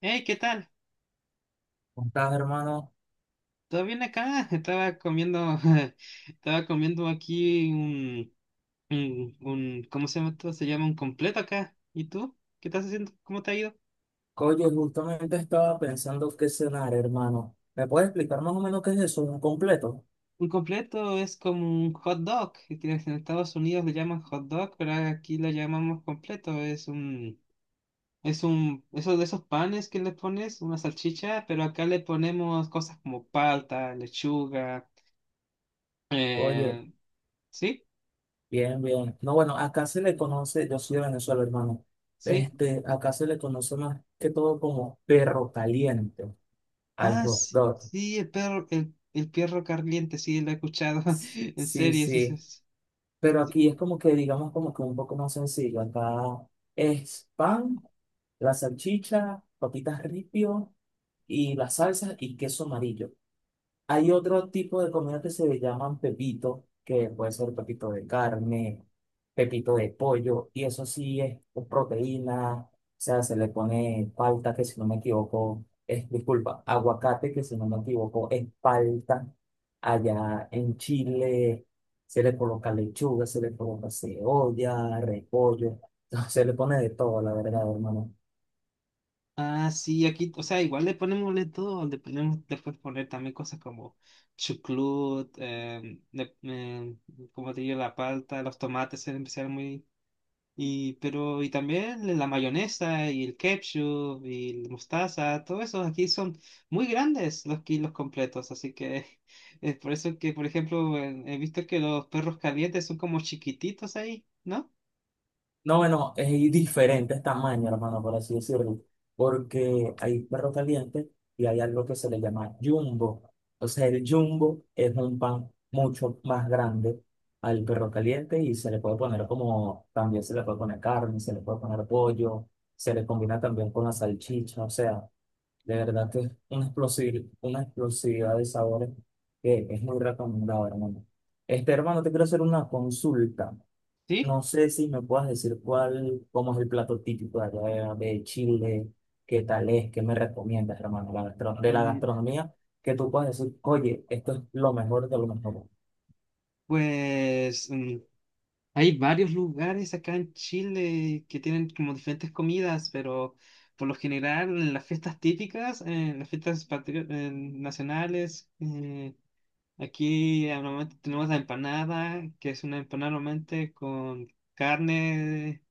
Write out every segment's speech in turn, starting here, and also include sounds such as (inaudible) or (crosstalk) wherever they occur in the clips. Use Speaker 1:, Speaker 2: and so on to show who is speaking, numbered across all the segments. Speaker 1: Hey, ¿qué tal?
Speaker 2: ¿Cómo estás, hermano?
Speaker 1: ¿Todo bien acá? (laughs) Estaba comiendo, (laughs) estaba comiendo aquí ¿cómo se llama esto? Se llama un completo acá. ¿Y tú? ¿Qué estás haciendo? ¿Cómo te ha ido?
Speaker 2: Oye, justamente estaba pensando qué cenar, hermano. ¿Me puedes explicar más o menos qué es eso? ¿Un completo?
Speaker 1: Un completo es como un hot dog, que tienes en Estados Unidos le llaman hot dog, pero aquí lo llamamos completo. Esos de esos panes que le pones, una salchicha, pero acá le ponemos cosas como palta, lechuga,
Speaker 2: Oye,
Speaker 1: eh, ¿sí?
Speaker 2: bien, bien. No, bueno, acá se le conoce, yo soy de Venezuela, hermano.
Speaker 1: Sí.
Speaker 2: Este, acá se le conoce más que todo como perro caliente al
Speaker 1: Ah,
Speaker 2: hot
Speaker 1: sí,
Speaker 2: dog.
Speaker 1: sí, el perro caliente, sí, lo he escuchado (laughs) en
Speaker 2: Sí,
Speaker 1: series.
Speaker 2: sí. Pero aquí es como que, digamos, como que un poco más sencillo. Acá es pan, la salchicha, papitas ripio y las salsas y queso amarillo. Hay otro tipo de comida que se le llaman pepito, que puede ser pepito de carne, pepito de pollo, y eso sí es con proteína, o sea, se le pone palta, que si no me equivoco, es, disculpa, aguacate, que si no me equivoco, es palta. Allá en Chile se le coloca lechuga, se le coloca cebolla, repollo, (laughs) se le pone de todo, la verdad, hermano.
Speaker 1: Ah, sí, aquí, o sea, igual le ponemos de todo, le puedes poner también cosas como chucrut, como te digo, la palta, los tomates, en especial muy. Pero y también la mayonesa y el ketchup y la mostaza, todos esos aquí son muy grandes los kilos completos, así que (laughs) es por eso que, por ejemplo, he visto que los perros calientes son como chiquititos ahí, ¿no?
Speaker 2: No, bueno, es diferentes tamaños, hermano, por así decirlo, porque hay perro caliente y hay algo que se le llama jumbo. O sea, el jumbo es un pan mucho más grande al perro caliente y se le puede poner como, también se le puede poner carne, se le puede poner pollo, se le combina también con la salchicha, o sea, de verdad que es una una explosividad de sabores que es muy recomendado, hermano. Este, hermano, te quiero hacer una consulta.
Speaker 1: ¿Sí?
Speaker 2: No sé si me puedas decir cuál, cómo es el plato típico de allá de Chile, qué tal es, qué me recomiendas, hermano, la gastro- de la
Speaker 1: Mm,
Speaker 2: gastronomía, que tú puedas decir, oye, esto es lo mejor de lo mejor.
Speaker 1: Pues hay varios lugares acá en Chile que tienen como diferentes comidas, pero por lo general en las fiestas típicas, en las fiestas en nacionales, aquí, normalmente tenemos la empanada, que es una empanada normalmente con carne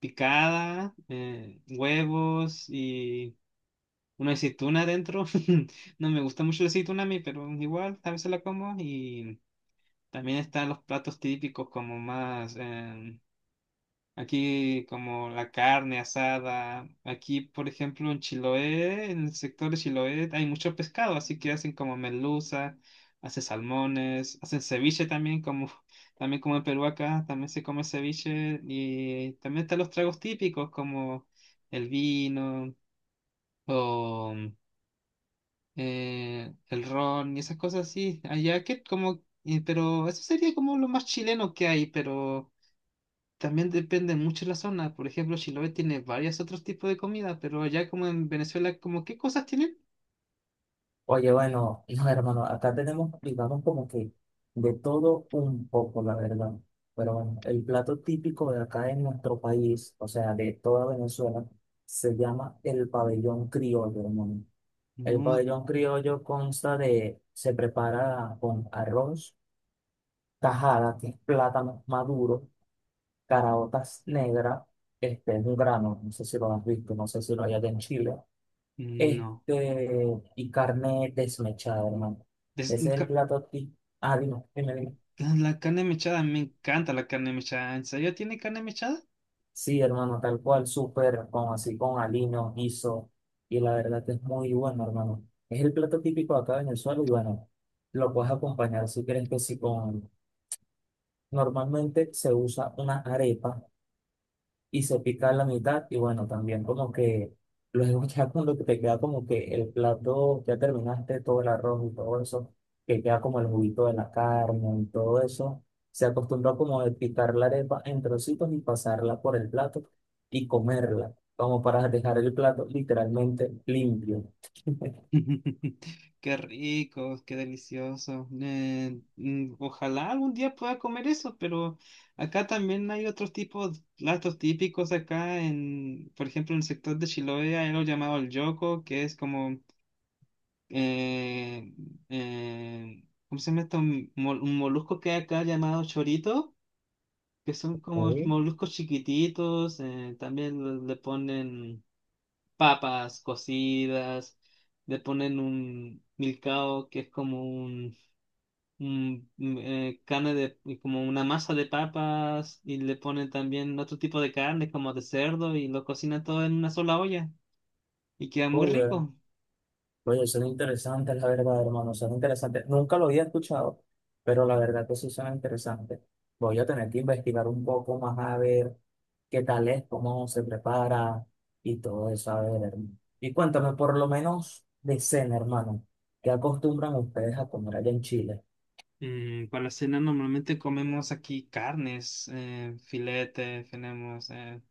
Speaker 1: picada, huevos y una aceituna adentro. (laughs) No me gusta mucho la aceituna a mí, pero igual a veces la como. Y también están los platos típicos como más aquí como la carne asada. Aquí, por ejemplo, en Chiloé, en el sector de Chiloé, hay mucho pescado, así que hacen como merluza, hacen salmones, hacen ceviche también, como (laughs) también como en Perú acá, también se come ceviche y también están los tragos típicos como el vino o el ron y esas cosas así. Allá que como, pero eso sería como lo más chileno que hay, pero también depende mucho de la zona. Por ejemplo, Chiloé tiene varios otros tipos de comida, pero allá como en Venezuela, ¿como qué cosas tienen?
Speaker 2: Oye, bueno, no, hermano, acá tenemos, digamos, como que de todo un poco, la verdad. Pero bueno, el plato típico de acá en nuestro país, o sea, de toda Venezuela, se llama el pabellón criollo, hermano. El
Speaker 1: No,
Speaker 2: pabellón criollo consta de, se prepara con arroz tajada, que es plátano maduro, caraotas negras, este es un grano, no sé si lo has visto, no sé si lo hay allá en Chile,
Speaker 1: no.
Speaker 2: este, y carne desmechada, hermano.
Speaker 1: Des-
Speaker 2: Ese es el
Speaker 1: ca-
Speaker 2: plato típico. Ah, dime, dime, dime.
Speaker 1: ah, la carne mechada, me encanta la carne mechada. ¿En serio tiene carne mechada?
Speaker 2: Sí, hermano, tal cual, súper, con así, con aliño, guiso, y la verdad que es muy bueno, hermano. Es el plato típico acá en el suelo y bueno, lo puedes acompañar si quieres que sí con... Normalmente se usa una arepa y se pica la mitad y bueno, también como que luego (laughs) ya cuando te queda como que el plato, ya terminaste todo el arroz y todo eso, que queda como el juguito de la carne y todo eso, se acostumbra como de picar la arepa en trocitos y pasarla por el plato y comerla, como para dejar el plato literalmente limpio.
Speaker 1: (laughs) Qué rico, qué delicioso. Ojalá algún día pueda comer eso, pero acá también hay otros tipos, platos típicos acá en, por ejemplo, en el sector de Chiloé hay algo llamado el yoco, que es como eh, ¿cómo se llama esto? Un molusco que hay acá llamado chorito, que son como
Speaker 2: Uy.
Speaker 1: moluscos chiquititos, también le ponen papas cocidas, le ponen un milcao que es como carne de, como una masa de papas, y le ponen también otro tipo de carne como de cerdo y lo cocinan todo en una sola olla y queda muy
Speaker 2: Oye,
Speaker 1: rico.
Speaker 2: oye, son interesantes, la verdad, hermano, son interesantes. Nunca lo había escuchado, pero la verdad que sí son interesantes. Voy a tener que investigar un poco más a ver qué tal es, cómo se prepara y todo eso, a ver, hermano. Y cuéntame, por lo menos de cena, hermano, ¿qué acostumbran ustedes a comer allá en Chile?
Speaker 1: Para cena normalmente comemos aquí carnes, filete, tenemos eh,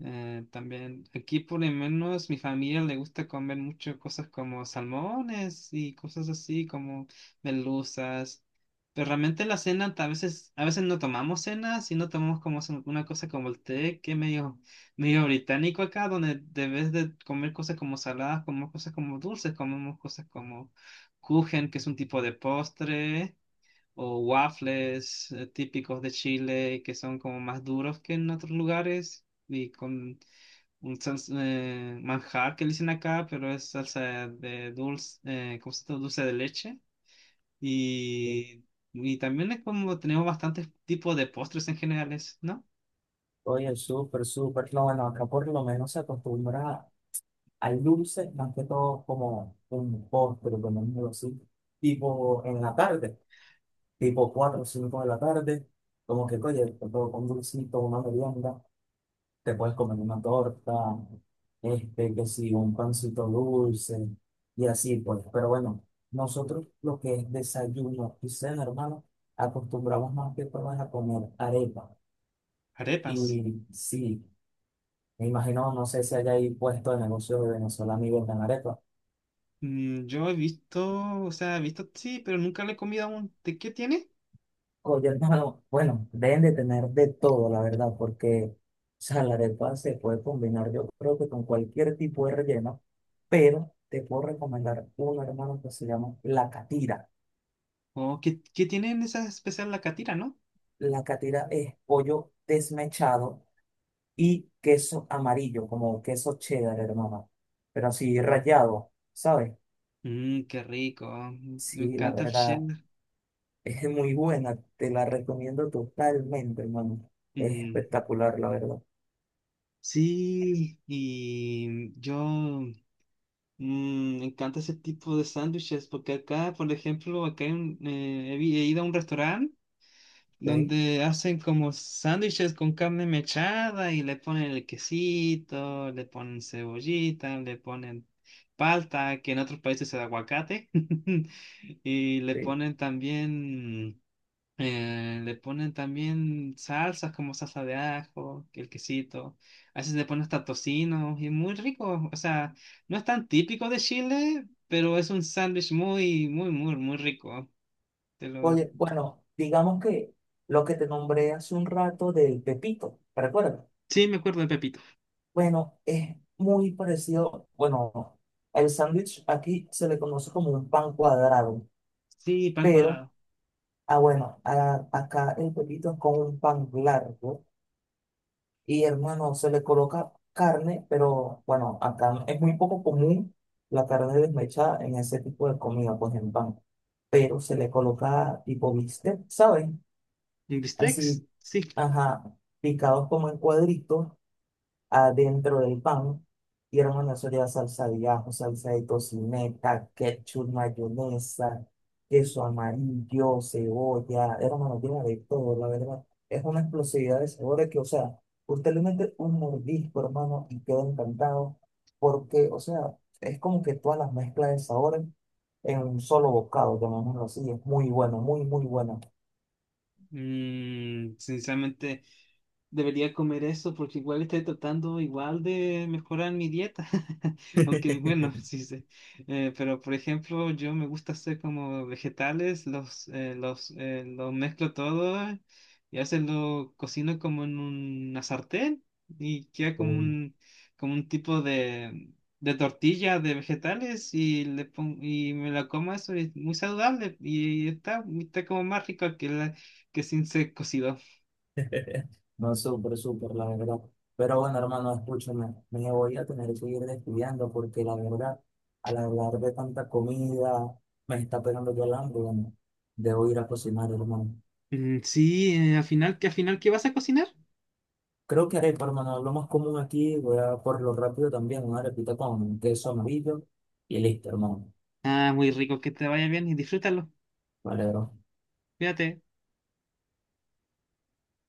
Speaker 1: eh, también. Aquí por lo menos mi familia le gusta comer mucho cosas como salmones y cosas así como merluzas. Pero realmente la cena a veces no tomamos cena, sino tomamos como una cosa como el té, que es medio británico acá, donde de vez de comer cosas como saladas, comemos cosas como dulces, comemos cosas como kuchen, que es un tipo de postre o waffles típicos de Chile que son como más duros que en otros lugares y con un manjar que le dicen acá, pero es salsa de dulce, ¿cómo se llama? Dulce de leche. Y, y también es como tenemos bastantes tipos de postres en generales, ¿no?
Speaker 2: Oye, súper, súper. No, bueno, acá por lo menos se acostumbra al dulce, más que todo como un postre, como algo así, tipo en la tarde. Tipo 4 o 5 de la tarde, como que, oye, te puedo comer un dulcito, una merienda, te puedes comer una torta, este, que sí, un pancito dulce, y así pues. Pero bueno, nosotros lo que es desayuno y cena, hermano, acostumbramos más que todo es a comer arepa. Y
Speaker 1: Arepas.
Speaker 2: sí, me imagino, no sé si hay ahí puesto de negocio de venezolano y vendan arepa.
Speaker 1: Yo he visto, o sea, he visto sí, pero nunca le he comido aún. ¿De qué tiene?
Speaker 2: Oye, hermano, (laughs) bueno, deben de tener de todo, la verdad, porque, o sea, la arepa se puede combinar, yo creo que con cualquier tipo de relleno, pero te puedo recomendar una, hermano, que se llama la catira.
Speaker 1: ¿O qué tiene en esa especial la catira, ¿no?
Speaker 2: La catira es pollo desmechado y queso amarillo, como queso cheddar, hermano, pero así
Speaker 1: Mm,
Speaker 2: rallado, ¿sabes?
Speaker 1: Qué rico. Me
Speaker 2: Sí, la
Speaker 1: encanta el
Speaker 2: verdad,
Speaker 1: Chile.
Speaker 2: es muy buena, te la recomiendo totalmente, hermano. Es
Speaker 1: Mm,
Speaker 2: espectacular, la verdad,
Speaker 1: sí, y yo me encanta ese tipo de sándwiches porque acá, por ejemplo, acá he ido a un restaurante
Speaker 2: ¿ok?
Speaker 1: donde hacen como sándwiches con carne mechada y le ponen el quesito, le ponen cebollita, le ponen palta, que en otros países es aguacate, (laughs) y le
Speaker 2: Sí.
Speaker 1: ponen también. Le ponen también salsas como salsa de ajo, que el quesito. A veces le ponen hasta tocino y es muy rico. O sea, no es tan típico de Chile, pero es un sándwich muy, muy, muy, muy rico. Te lo.
Speaker 2: Oye, bueno, digamos que lo que te nombré hace un rato del Pepito, ¿te acuerdas?
Speaker 1: Sí, me acuerdo de Pepito.
Speaker 2: Bueno, es muy parecido, bueno, el sándwich aquí se le conoce como un pan cuadrado,
Speaker 1: Sí, pan
Speaker 2: pero,
Speaker 1: cuadrado.
Speaker 2: ah, bueno, acá el Pepito es con un pan largo y hermano, se le coloca carne, pero bueno, acá es muy poco común la carne desmechada en ese tipo de comida, pues en pan, pero se le coloca tipo bistec, ¿sabes?
Speaker 1: ¿Y el Bistecs?
Speaker 2: Así,
Speaker 1: Sí.
Speaker 2: ajá, picados como en cuadritos adentro del pan. Y hermano, eso lleva salsa de ajo, salsa de tocineta, ketchup, mayonesa, queso amarillo, cebolla. Hermano, lleva de todo, la verdad. Es una explosividad de sabores que, o sea, usted le mete un mordisco, hermano, y queda encantado. Porque, o sea, es como que todas las mezclas de sabores en un solo bocado, llamémoslo así. Es muy bueno, muy, muy bueno.
Speaker 1: Sinceramente. Debería comer eso porque igual estoy tratando igual de mejorar mi dieta. (laughs) Aunque bueno,
Speaker 2: (laughs)
Speaker 1: sí sé. Pero por ejemplo, yo me gusta hacer como vegetales, los mezclo todo y a veces lo cocino como en una sartén y queda como
Speaker 2: (laughs)
Speaker 1: un tipo de tortilla de vegetales y me la como eso y es muy saludable y está como más rico que sin ser cocido.
Speaker 2: (laughs) No, súper, súper, la verdad. Pero bueno, hermano, escúchame, me voy a tener que ir despidiendo porque la verdad, al hablar de tanta comida, me está pegando ya el hambre. Bueno, debo ir a cocinar, hermano.
Speaker 1: Mm, sí, al final qué vas a cocinar?
Speaker 2: Creo que arepa, hermano, lo más común aquí, voy a por lo rápido también, una arepita con queso amarillo y listo, hermano.
Speaker 1: Ah, muy rico, que te vaya bien y disfrútalo.
Speaker 2: Vale, bro.
Speaker 1: Cuídate.